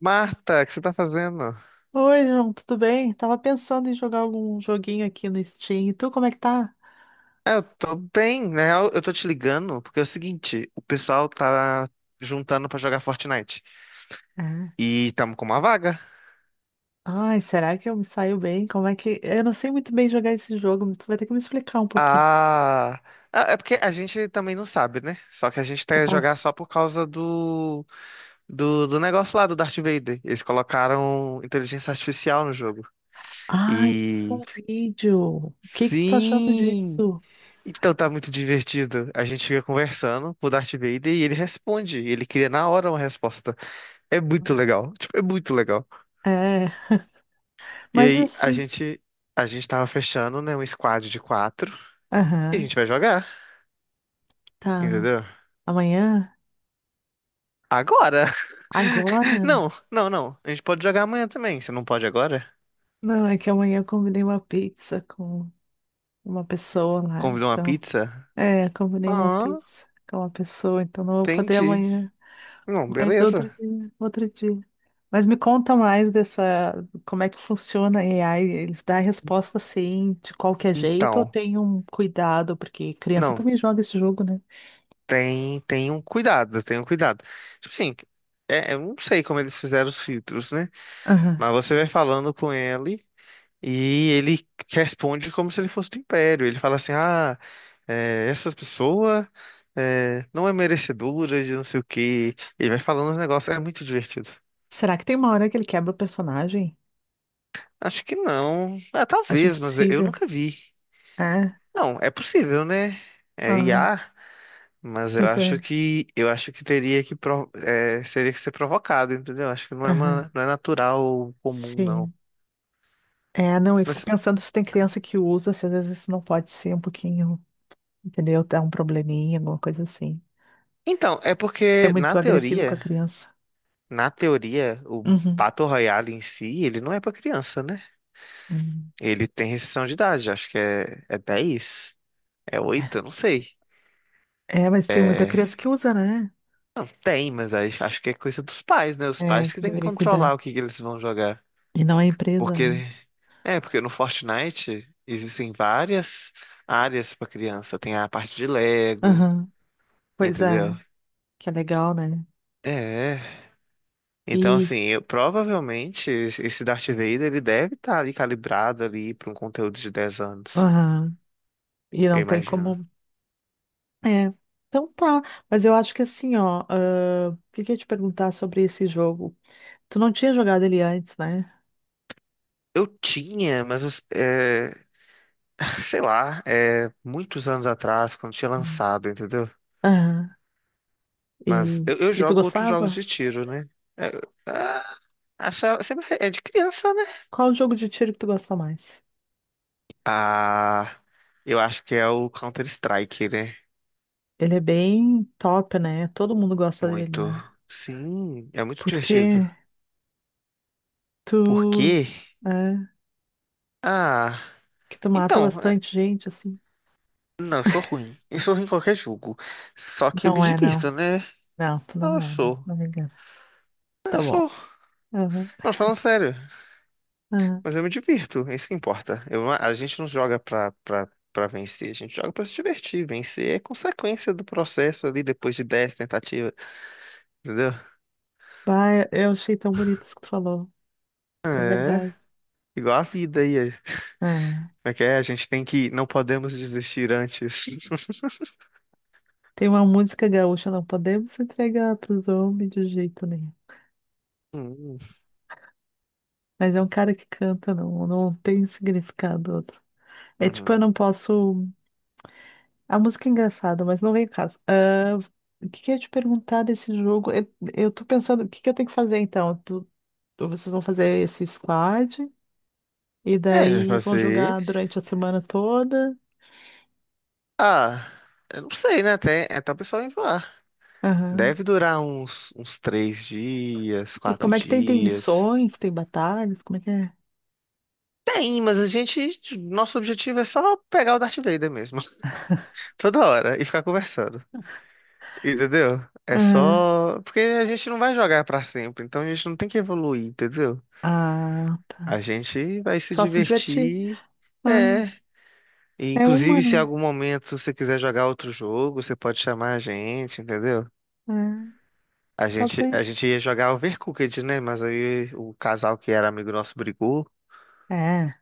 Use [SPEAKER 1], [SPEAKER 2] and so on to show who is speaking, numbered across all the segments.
[SPEAKER 1] Marta, o que você tá fazendo?
[SPEAKER 2] Oi, João, tudo bem? Tava pensando em jogar algum joguinho aqui no Steam. E tu, como é que tá?
[SPEAKER 1] Ah, eu tô bem, né? Eu tô te ligando porque é o seguinte, o pessoal tá juntando pra jogar Fortnite
[SPEAKER 2] Ah.
[SPEAKER 1] e tamo com uma vaga.
[SPEAKER 2] Ai, será que eu me saio bem? Como é que. Eu não sei muito bem jogar esse jogo, tu vai ter que me explicar um pouquinho,
[SPEAKER 1] Ah, ah, é porque a gente também não sabe, né? Só que a gente quer jogar
[SPEAKER 2] capaz?
[SPEAKER 1] só por causa do negócio lá do Darth Vader. Eles colocaram inteligência artificial no jogo.
[SPEAKER 2] Ai, um
[SPEAKER 1] E
[SPEAKER 2] vídeo. O que que tu tá achando
[SPEAKER 1] sim,
[SPEAKER 2] disso?
[SPEAKER 1] então tá muito divertido. A gente fica conversando com o Darth Vader e ele responde, ele cria na hora uma resposta. É muito legal, tipo, é muito legal.
[SPEAKER 2] É,
[SPEAKER 1] E
[SPEAKER 2] mas
[SPEAKER 1] aí a
[SPEAKER 2] assim.
[SPEAKER 1] gente a gente tava fechando, né, um squad de quatro e a
[SPEAKER 2] Aham,
[SPEAKER 1] gente vai jogar,
[SPEAKER 2] tá.
[SPEAKER 1] entendeu?
[SPEAKER 2] Amanhã?
[SPEAKER 1] Agora.
[SPEAKER 2] Agora?
[SPEAKER 1] Não, não, não. A gente pode jogar amanhã também. Você não pode agora?
[SPEAKER 2] Não, é que amanhã eu combinei uma pizza com uma pessoa lá,
[SPEAKER 1] Convidou uma
[SPEAKER 2] então.
[SPEAKER 1] pizza?
[SPEAKER 2] É, combinei uma
[SPEAKER 1] Ah,
[SPEAKER 2] pizza com uma pessoa, então não vou poder
[SPEAKER 1] entendi.
[SPEAKER 2] amanhã.
[SPEAKER 1] Não,
[SPEAKER 2] Mas
[SPEAKER 1] beleza.
[SPEAKER 2] outro dia, outro dia. Mas me conta mais dessa, como é que funciona a AI? Eles dão a resposta assim, de qualquer jeito, ou
[SPEAKER 1] Então,
[SPEAKER 2] tem um cuidado, porque criança
[SPEAKER 1] não,
[SPEAKER 2] também joga esse jogo, né?
[SPEAKER 1] tem um cuidado, tem um cuidado. Tipo assim, é, eu não sei como eles fizeram os filtros, né?
[SPEAKER 2] Aham.
[SPEAKER 1] Mas você vai falando com ele e ele responde como se ele fosse do Império. Ele fala assim: "Ah, é, essa pessoa é, não é merecedora de não sei o que." Ele vai falando os negócios, é muito divertido.
[SPEAKER 2] Será que tem uma hora que ele quebra o personagem?
[SPEAKER 1] Acho que não. Ah,
[SPEAKER 2] Acho
[SPEAKER 1] talvez, mas eu
[SPEAKER 2] impossível.
[SPEAKER 1] nunca vi.
[SPEAKER 2] É?
[SPEAKER 1] Não, é possível, né? É
[SPEAKER 2] Aham.
[SPEAKER 1] IA, mas eu
[SPEAKER 2] Pois
[SPEAKER 1] acho
[SPEAKER 2] é.
[SPEAKER 1] que eu acho que teria que seria que ser provocado, entendeu? Acho que não é
[SPEAKER 2] Aham.
[SPEAKER 1] uma, não é natural ou comum, não.
[SPEAKER 2] Sim. É, não, eu fico
[SPEAKER 1] Mas
[SPEAKER 2] pensando se tem criança que usa, se às vezes isso não pode ser um pouquinho, entendeu? Dá um probleminha, alguma coisa assim.
[SPEAKER 1] então, é
[SPEAKER 2] Ser
[SPEAKER 1] porque
[SPEAKER 2] muito
[SPEAKER 1] na
[SPEAKER 2] agressivo com a
[SPEAKER 1] teoria,
[SPEAKER 2] criança.
[SPEAKER 1] o
[SPEAKER 2] Uhum.
[SPEAKER 1] Battle Royale em si, ele não é pra criança, né?
[SPEAKER 2] Uhum.
[SPEAKER 1] Ele tem restrição de idade, acho que é 10. É 8? Eu não sei.
[SPEAKER 2] É, mas tem muita criança que usa, né?
[SPEAKER 1] Tem, mas acho que é coisa dos pais, né? Os
[SPEAKER 2] É,
[SPEAKER 1] pais que
[SPEAKER 2] que
[SPEAKER 1] têm que
[SPEAKER 2] deveria cuidar.
[SPEAKER 1] controlar o que que eles vão jogar.
[SPEAKER 2] E não é empresa,
[SPEAKER 1] Porque,
[SPEAKER 2] né?
[SPEAKER 1] no Fortnite existem várias áreas pra criança. Tem a parte de Lego,
[SPEAKER 2] Aham. Pois
[SPEAKER 1] entendeu?
[SPEAKER 2] é, que é legal, né?
[SPEAKER 1] É. Então,
[SPEAKER 2] E,
[SPEAKER 1] assim, eu, provavelmente esse Darth Vader ele deve estar ali calibrado ali para um conteúdo de 10 anos,
[SPEAKER 2] aham. E
[SPEAKER 1] eu
[SPEAKER 2] não tem
[SPEAKER 1] imagino.
[SPEAKER 2] como. É. Então tá. Mas eu acho que assim, ó. O que que eu ia te perguntar sobre esse jogo? Tu não tinha jogado ele antes, né?
[SPEAKER 1] Eu tinha, mas é, sei lá, muitos anos atrás, quando tinha
[SPEAKER 2] Hum.
[SPEAKER 1] lançado, entendeu?
[SPEAKER 2] Aham.
[SPEAKER 1] Mas
[SPEAKER 2] E,
[SPEAKER 1] eu
[SPEAKER 2] e tu
[SPEAKER 1] jogo outros jogos
[SPEAKER 2] gostava?
[SPEAKER 1] de tiro, né? É, ah, sempre é de criança, né?
[SPEAKER 2] Qual o jogo de tiro que tu gosta mais?
[SPEAKER 1] Ah, eu acho que é o Counter-Strike, né?
[SPEAKER 2] Ele é bem top, né? Todo mundo gosta dele,
[SPEAKER 1] Muito.
[SPEAKER 2] né?
[SPEAKER 1] Sim, é muito divertido.
[SPEAKER 2] Porque tu.
[SPEAKER 1] Porque.
[SPEAKER 2] É.
[SPEAKER 1] Ah,
[SPEAKER 2] Que tu mata
[SPEAKER 1] então.
[SPEAKER 2] bastante gente, assim.
[SPEAKER 1] Não, eu sou ruim. Eu sou ruim em qualquer jogo. Só que eu me
[SPEAKER 2] Não é,
[SPEAKER 1] divirto,
[SPEAKER 2] não.
[SPEAKER 1] né?
[SPEAKER 2] Não, tu
[SPEAKER 1] Não,
[SPEAKER 2] não
[SPEAKER 1] eu
[SPEAKER 2] é.
[SPEAKER 1] sou.
[SPEAKER 2] Não me engana.
[SPEAKER 1] Eu
[SPEAKER 2] Tá bom.
[SPEAKER 1] sou.
[SPEAKER 2] Aham,
[SPEAKER 1] Não, falando sério.
[SPEAKER 2] aham.
[SPEAKER 1] Mas eu me divirto, é isso que importa. Eu a gente não joga pra, pra vencer, a gente joga pra se divertir. Vencer é consequência do processo ali depois de 10 tentativas, entendeu?
[SPEAKER 2] Bah, eu achei tão bonito isso que tu falou. É
[SPEAKER 1] É
[SPEAKER 2] verdade.
[SPEAKER 1] igual a vida aí.
[SPEAKER 2] É.
[SPEAKER 1] Como é que é? A gente tem que. Não podemos desistir antes.
[SPEAKER 2] Tem uma música gaúcha, não podemos entregar pros homens de jeito nenhum.
[SPEAKER 1] Hum,
[SPEAKER 2] Mas é um cara que canta, não, não tem significado outro. É tipo,
[SPEAKER 1] uhum.
[SPEAKER 2] eu não posso. A música é engraçada, mas não vem em casa. Ah, o que que eu ia te perguntar desse jogo? Eu tô pensando, o que que eu tenho que fazer então? Vocês vão fazer esse squad? E
[SPEAKER 1] É,
[SPEAKER 2] daí vão
[SPEAKER 1] fazer.
[SPEAKER 2] jogar durante a semana toda.
[SPEAKER 1] Ah, eu não sei, né? Até o pessoal enjoar.
[SPEAKER 2] Aham.
[SPEAKER 1] Deve durar uns 3 dias,
[SPEAKER 2] E
[SPEAKER 1] quatro
[SPEAKER 2] como é que tem? Tem
[SPEAKER 1] dias.
[SPEAKER 2] missões, tem batalhas? Como é que é?
[SPEAKER 1] Tem, mas a gente. Nosso objetivo é só pegar o Darth Vader mesmo, toda hora e ficar conversando. Entendeu? É
[SPEAKER 2] Aham.
[SPEAKER 1] só. Porque a gente não vai jogar pra sempre, então a gente não tem que evoluir, entendeu?
[SPEAKER 2] Ah,
[SPEAKER 1] A
[SPEAKER 2] tá.
[SPEAKER 1] gente vai se
[SPEAKER 2] Só se divertir.
[SPEAKER 1] divertir.
[SPEAKER 2] Ah,
[SPEAKER 1] É. E,
[SPEAKER 2] é uma,
[SPEAKER 1] inclusive, se em
[SPEAKER 2] né?
[SPEAKER 1] algum momento você quiser jogar outro jogo, você pode chamar a gente, entendeu?
[SPEAKER 2] É,
[SPEAKER 1] A
[SPEAKER 2] tá
[SPEAKER 1] gente, a
[SPEAKER 2] bem.
[SPEAKER 1] gente ia jogar Overcooked, né? Mas aí o casal que era amigo nosso brigou.
[SPEAKER 2] É,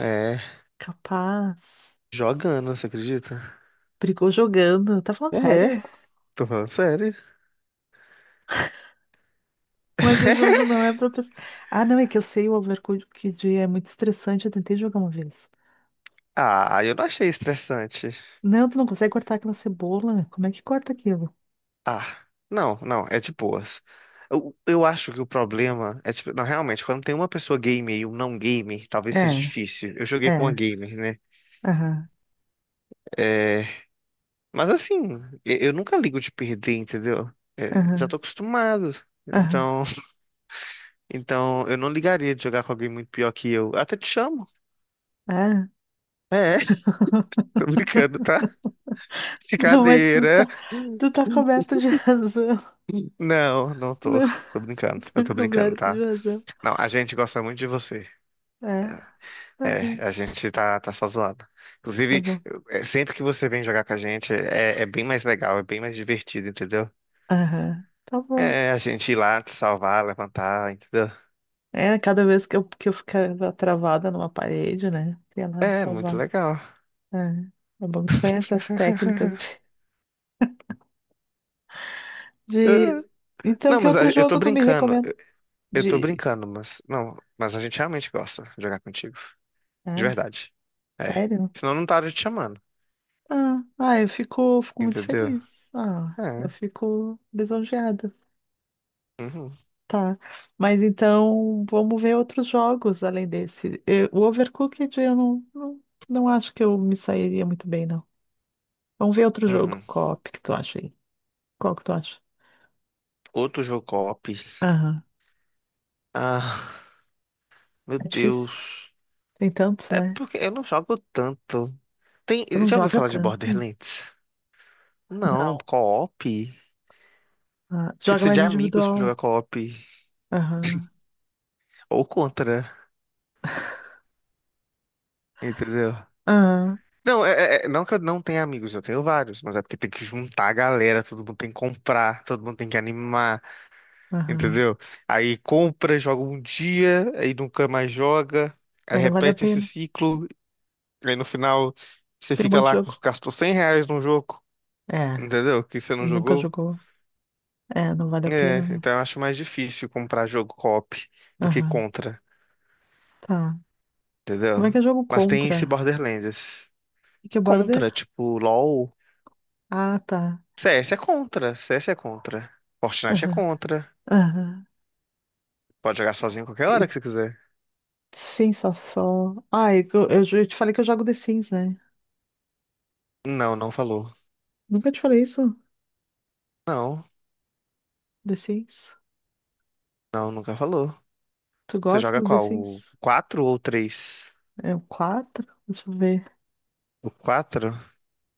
[SPEAKER 1] É,
[SPEAKER 2] capaz.
[SPEAKER 1] jogando, você acredita?
[SPEAKER 2] Brigou jogando. Tá falando
[SPEAKER 1] É,
[SPEAKER 2] sério?
[SPEAKER 1] tô falando sério.
[SPEAKER 2] Mas o jogo não é pra pessoa. Ah, não, é que eu sei o Overcooked é muito estressante. Eu tentei jogar uma vez.
[SPEAKER 1] Ah, eu não achei estressante.
[SPEAKER 2] Não, tu não consegue cortar aquela cebola. Como é que corta aquilo?
[SPEAKER 1] Ah, não, não, é de boas. Eu acho que o problema é, tipo, não, realmente, quando tem uma pessoa gamer e um não gamer, talvez
[SPEAKER 2] É,
[SPEAKER 1] seja difícil. Eu joguei com uma
[SPEAKER 2] é.
[SPEAKER 1] gamer, né?
[SPEAKER 2] Aham,
[SPEAKER 1] É, mas assim, eu nunca ligo de perder, entendeu? É, já
[SPEAKER 2] aham,
[SPEAKER 1] tô acostumado.
[SPEAKER 2] aham.
[SPEAKER 1] Então, então, eu não ligaria de jogar com alguém muito pior que eu. Eu até te chamo.
[SPEAKER 2] É.
[SPEAKER 1] É, tô brincando, tá?
[SPEAKER 2] Não, mas tu
[SPEAKER 1] Brincadeira.
[SPEAKER 2] tá, tu tá coberto de razão.
[SPEAKER 1] Não, não tô.
[SPEAKER 2] Não,
[SPEAKER 1] Tô brincando. Eu
[SPEAKER 2] tá
[SPEAKER 1] tô brincando,
[SPEAKER 2] coberto
[SPEAKER 1] tá?
[SPEAKER 2] de razão.
[SPEAKER 1] Não, a gente gosta muito de você.
[SPEAKER 2] É, tá
[SPEAKER 1] É,
[SPEAKER 2] bem.
[SPEAKER 1] a gente tá só zoado.
[SPEAKER 2] Tá
[SPEAKER 1] Inclusive,
[SPEAKER 2] bom.
[SPEAKER 1] sempre que você vem jogar com a gente, é bem mais legal, é bem mais divertido, entendeu?
[SPEAKER 2] Aham, tá bom.
[SPEAKER 1] É, a gente ir lá te salvar, levantar, entendeu?
[SPEAKER 2] É, cada vez que eu ficava travada numa parede, né? Ia lá me
[SPEAKER 1] É, muito
[SPEAKER 2] salvar.
[SPEAKER 1] legal.
[SPEAKER 2] É, tá bom. Tu conhece as técnicas de- Então,
[SPEAKER 1] Não,
[SPEAKER 2] que
[SPEAKER 1] mas
[SPEAKER 2] outro
[SPEAKER 1] eu tô
[SPEAKER 2] jogo tu me
[SPEAKER 1] brincando,
[SPEAKER 2] recomenda?
[SPEAKER 1] eu tô
[SPEAKER 2] De...
[SPEAKER 1] brincando, mas não, mas a gente realmente gosta de jogar contigo, de
[SPEAKER 2] É,
[SPEAKER 1] verdade. É,
[SPEAKER 2] sério?
[SPEAKER 1] senão eu não tava te chamando,
[SPEAKER 2] Eu fico, fico muito
[SPEAKER 1] entendeu?
[SPEAKER 2] feliz. Ah, eu
[SPEAKER 1] É,
[SPEAKER 2] fico lisonjeada.
[SPEAKER 1] uhum,
[SPEAKER 2] Tá, mas então vamos ver outros jogos além desse. O Overcooked eu não, não, não acho que eu me sairia muito bem, não. Vamos ver outro jogo
[SPEAKER 1] uhum.
[SPEAKER 2] co que tu acha aí. Qual que tu acha?
[SPEAKER 1] Outro jogo co-op.
[SPEAKER 2] Aham.
[SPEAKER 1] Ah, meu
[SPEAKER 2] É difícil.
[SPEAKER 1] Deus.
[SPEAKER 2] Tem tantos,
[SPEAKER 1] É
[SPEAKER 2] né?
[SPEAKER 1] porque eu não jogo tanto. Tem,
[SPEAKER 2] Tu não
[SPEAKER 1] já ouviu
[SPEAKER 2] joga
[SPEAKER 1] falar de
[SPEAKER 2] tanto.
[SPEAKER 1] Borderlands? Não,
[SPEAKER 2] Não.
[SPEAKER 1] co-op.
[SPEAKER 2] Ah, tu
[SPEAKER 1] Você
[SPEAKER 2] joga
[SPEAKER 1] precisa de
[SPEAKER 2] mais
[SPEAKER 1] amigos pra
[SPEAKER 2] individual.
[SPEAKER 1] jogar co-op.
[SPEAKER 2] Aham.
[SPEAKER 1] Ou contra, entendeu?
[SPEAKER 2] Aham.
[SPEAKER 1] Não, não que eu não tenha amigos, eu tenho vários, mas é porque tem que juntar a galera, todo mundo tem que comprar, todo mundo tem que animar,
[SPEAKER 2] Aham.
[SPEAKER 1] entendeu? Aí compra, joga um dia, aí nunca mais joga, aí
[SPEAKER 2] Aí não vale a
[SPEAKER 1] repete esse
[SPEAKER 2] pena.
[SPEAKER 1] ciclo, aí no final você
[SPEAKER 2] Tem um
[SPEAKER 1] fica
[SPEAKER 2] monte de
[SPEAKER 1] lá com,
[SPEAKER 2] jogo.
[SPEAKER 1] gastou R$ 100 num jogo,
[SPEAKER 2] É.
[SPEAKER 1] entendeu? Que você não
[SPEAKER 2] E nunca
[SPEAKER 1] jogou.
[SPEAKER 2] jogou. É, não vale a pena, né?
[SPEAKER 1] Então eu acho mais difícil comprar jogo co-op do que
[SPEAKER 2] Aham.
[SPEAKER 1] contra,
[SPEAKER 2] Tá.
[SPEAKER 1] entendeu?
[SPEAKER 2] Como é que é jogo
[SPEAKER 1] Mas tem esse
[SPEAKER 2] contra?
[SPEAKER 1] Borderlands.
[SPEAKER 2] E que é border?
[SPEAKER 1] Contra, tipo, LoL.
[SPEAKER 2] Ah, tá.
[SPEAKER 1] CS é contra, CS é contra. Fortnite é
[SPEAKER 2] Aham,
[SPEAKER 1] contra.
[SPEAKER 2] aham.
[SPEAKER 1] Pode jogar sozinho qualquer hora
[SPEAKER 2] E-
[SPEAKER 1] que você quiser.
[SPEAKER 2] Sensação. Ai, eu te falei que eu jogo The Sims, né?
[SPEAKER 1] Não, não falou.
[SPEAKER 2] Nunca te falei isso?
[SPEAKER 1] Não,
[SPEAKER 2] The Sims?
[SPEAKER 1] não, nunca falou.
[SPEAKER 2] Tu
[SPEAKER 1] Você
[SPEAKER 2] gosta
[SPEAKER 1] joga
[SPEAKER 2] do The
[SPEAKER 1] qual? O
[SPEAKER 2] Sims?
[SPEAKER 1] 4 ou o 3?
[SPEAKER 2] É o quatro. Deixa eu ver.
[SPEAKER 1] O 4.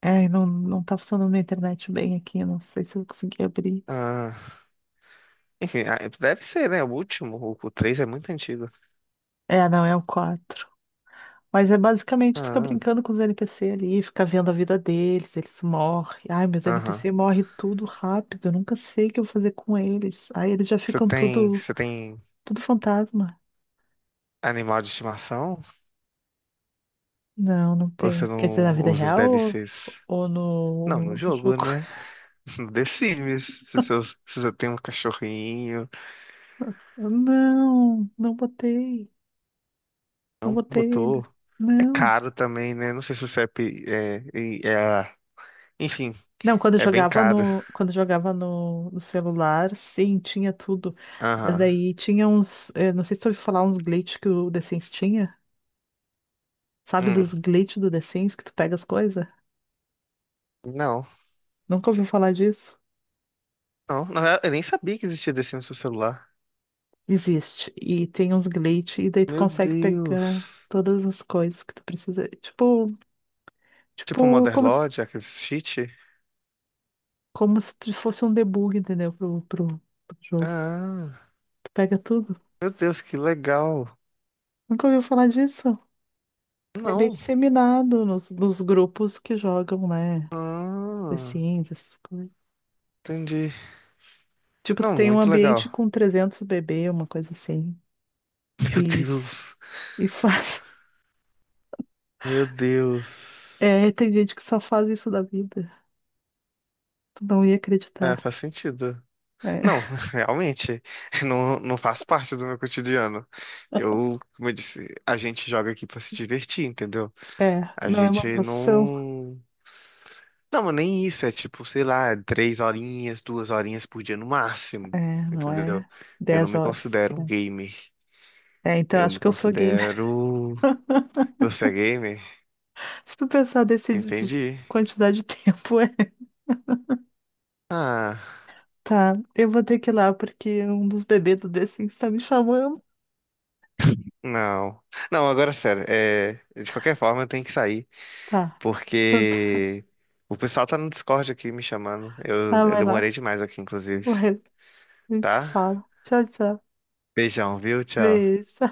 [SPEAKER 2] É, não, não tá funcionando minha internet bem aqui. Eu Não sei se eu consegui abrir.
[SPEAKER 1] Ah, enfim, ah, deve ser, né? O último. O 3 é muito antigo.
[SPEAKER 2] É, não, é o quatro. Mas é basicamente tu fica
[SPEAKER 1] Ah,
[SPEAKER 2] brincando com os NPC ali, fica vendo a vida deles, eles morrem. Ai, meus
[SPEAKER 1] aham.
[SPEAKER 2] NPC morrem tudo rápido. Eu nunca sei o que eu vou fazer com eles. Aí eles já
[SPEAKER 1] Você
[SPEAKER 2] ficam
[SPEAKER 1] tem,
[SPEAKER 2] tudo,
[SPEAKER 1] você tem
[SPEAKER 2] tudo fantasma.
[SPEAKER 1] animal de estimação?
[SPEAKER 2] Não, não
[SPEAKER 1] Ou
[SPEAKER 2] tem.
[SPEAKER 1] você
[SPEAKER 2] Quer dizer, na
[SPEAKER 1] não
[SPEAKER 2] vida
[SPEAKER 1] usa os
[SPEAKER 2] real ou,
[SPEAKER 1] DLCs?
[SPEAKER 2] ou
[SPEAKER 1] Não, no
[SPEAKER 2] no, no
[SPEAKER 1] jogo,
[SPEAKER 2] jogo?
[SPEAKER 1] né? No The Sims. Se você tem um cachorrinho,
[SPEAKER 2] Não, não botei. Não
[SPEAKER 1] não
[SPEAKER 2] botei
[SPEAKER 1] botou.
[SPEAKER 2] ainda.
[SPEAKER 1] É
[SPEAKER 2] Não.
[SPEAKER 1] caro também, né? Não sei se o CEP é. Enfim,
[SPEAKER 2] Não,
[SPEAKER 1] é bem caro.
[SPEAKER 2] quando eu jogava no celular, sim, tinha tudo. Mas
[SPEAKER 1] Aham.
[SPEAKER 2] daí tinha não sei se tu ouviu falar uns glitch que o The Sims tinha. Sabe
[SPEAKER 1] Hum.
[SPEAKER 2] dos glitch do The Sims que tu pega as coisas?
[SPEAKER 1] Não.
[SPEAKER 2] Nunca ouviu falar disso?
[SPEAKER 1] Não, não, eu nem sabia que existia The Sims no celular.
[SPEAKER 2] Existe. E tem uns glitch e daí tu
[SPEAKER 1] Meu
[SPEAKER 2] consegue pegar
[SPEAKER 1] Deus.
[SPEAKER 2] todas as coisas que tu precisa. Tipo,
[SPEAKER 1] Tipo
[SPEAKER 2] tipo,
[SPEAKER 1] Mother
[SPEAKER 2] como se
[SPEAKER 1] Lodge, aquele cheat?
[SPEAKER 2] como se tu fosse um debug, entendeu? Pro jogo.
[SPEAKER 1] Ah,
[SPEAKER 2] Tu pega tudo.
[SPEAKER 1] meu Deus, que legal.
[SPEAKER 2] Nunca ouviu falar disso? É bem
[SPEAKER 1] Não.
[SPEAKER 2] disseminado nos grupos que jogam, né? The
[SPEAKER 1] Ah,
[SPEAKER 2] Sims, essas coisas.
[SPEAKER 1] entendi.
[SPEAKER 2] Tipo, tu
[SPEAKER 1] Não,
[SPEAKER 2] tem um
[SPEAKER 1] muito legal.
[SPEAKER 2] ambiente com 300 bebê, uma coisa assim.
[SPEAKER 1] Meu
[SPEAKER 2] E, f-
[SPEAKER 1] Deus.
[SPEAKER 2] e faz.
[SPEAKER 1] Meu Deus.
[SPEAKER 2] É, tem gente que só faz isso da vida. Tu não ia
[SPEAKER 1] É,
[SPEAKER 2] acreditar.
[SPEAKER 1] faz sentido. Não, realmente, não, não faz parte do meu cotidiano. Eu, como eu disse, a gente joga aqui pra se divertir, entendeu?
[SPEAKER 2] É, é,
[SPEAKER 1] A
[SPEAKER 2] não é uma
[SPEAKER 1] gente
[SPEAKER 2] profissão.
[SPEAKER 1] não. Não, mas nem isso, é tipo, sei lá, 3 horinhas, 2 horinhas por dia no máximo,
[SPEAKER 2] É, não
[SPEAKER 1] entendeu?
[SPEAKER 2] é
[SPEAKER 1] Eu não
[SPEAKER 2] 10
[SPEAKER 1] me
[SPEAKER 2] horas.
[SPEAKER 1] considero um gamer.
[SPEAKER 2] É, então
[SPEAKER 1] Eu
[SPEAKER 2] acho
[SPEAKER 1] me
[SPEAKER 2] que eu sou gamer.
[SPEAKER 1] considero. Você é gamer?
[SPEAKER 2] Se tu pensar desse
[SPEAKER 1] Entendi.
[SPEAKER 2] quantidade de tempo, é.
[SPEAKER 1] Ah,
[SPEAKER 2] Tá, eu vou ter que ir lá porque um dos bebês do The Sims tá me chamando.
[SPEAKER 1] não. Não, agora sério, de qualquer forma eu tenho que sair.
[SPEAKER 2] Tá, então
[SPEAKER 1] Porque o pessoal tá no Discord aqui me chamando. Eu,
[SPEAKER 2] tá,
[SPEAKER 1] eu
[SPEAKER 2] vai
[SPEAKER 1] demorei
[SPEAKER 2] lá.
[SPEAKER 1] demais aqui, inclusive.
[SPEAKER 2] Vai, a gente se
[SPEAKER 1] Tá?
[SPEAKER 2] fala. Tchau, tchau.
[SPEAKER 1] Beijão, viu? Tchau.
[SPEAKER 2] Beijo.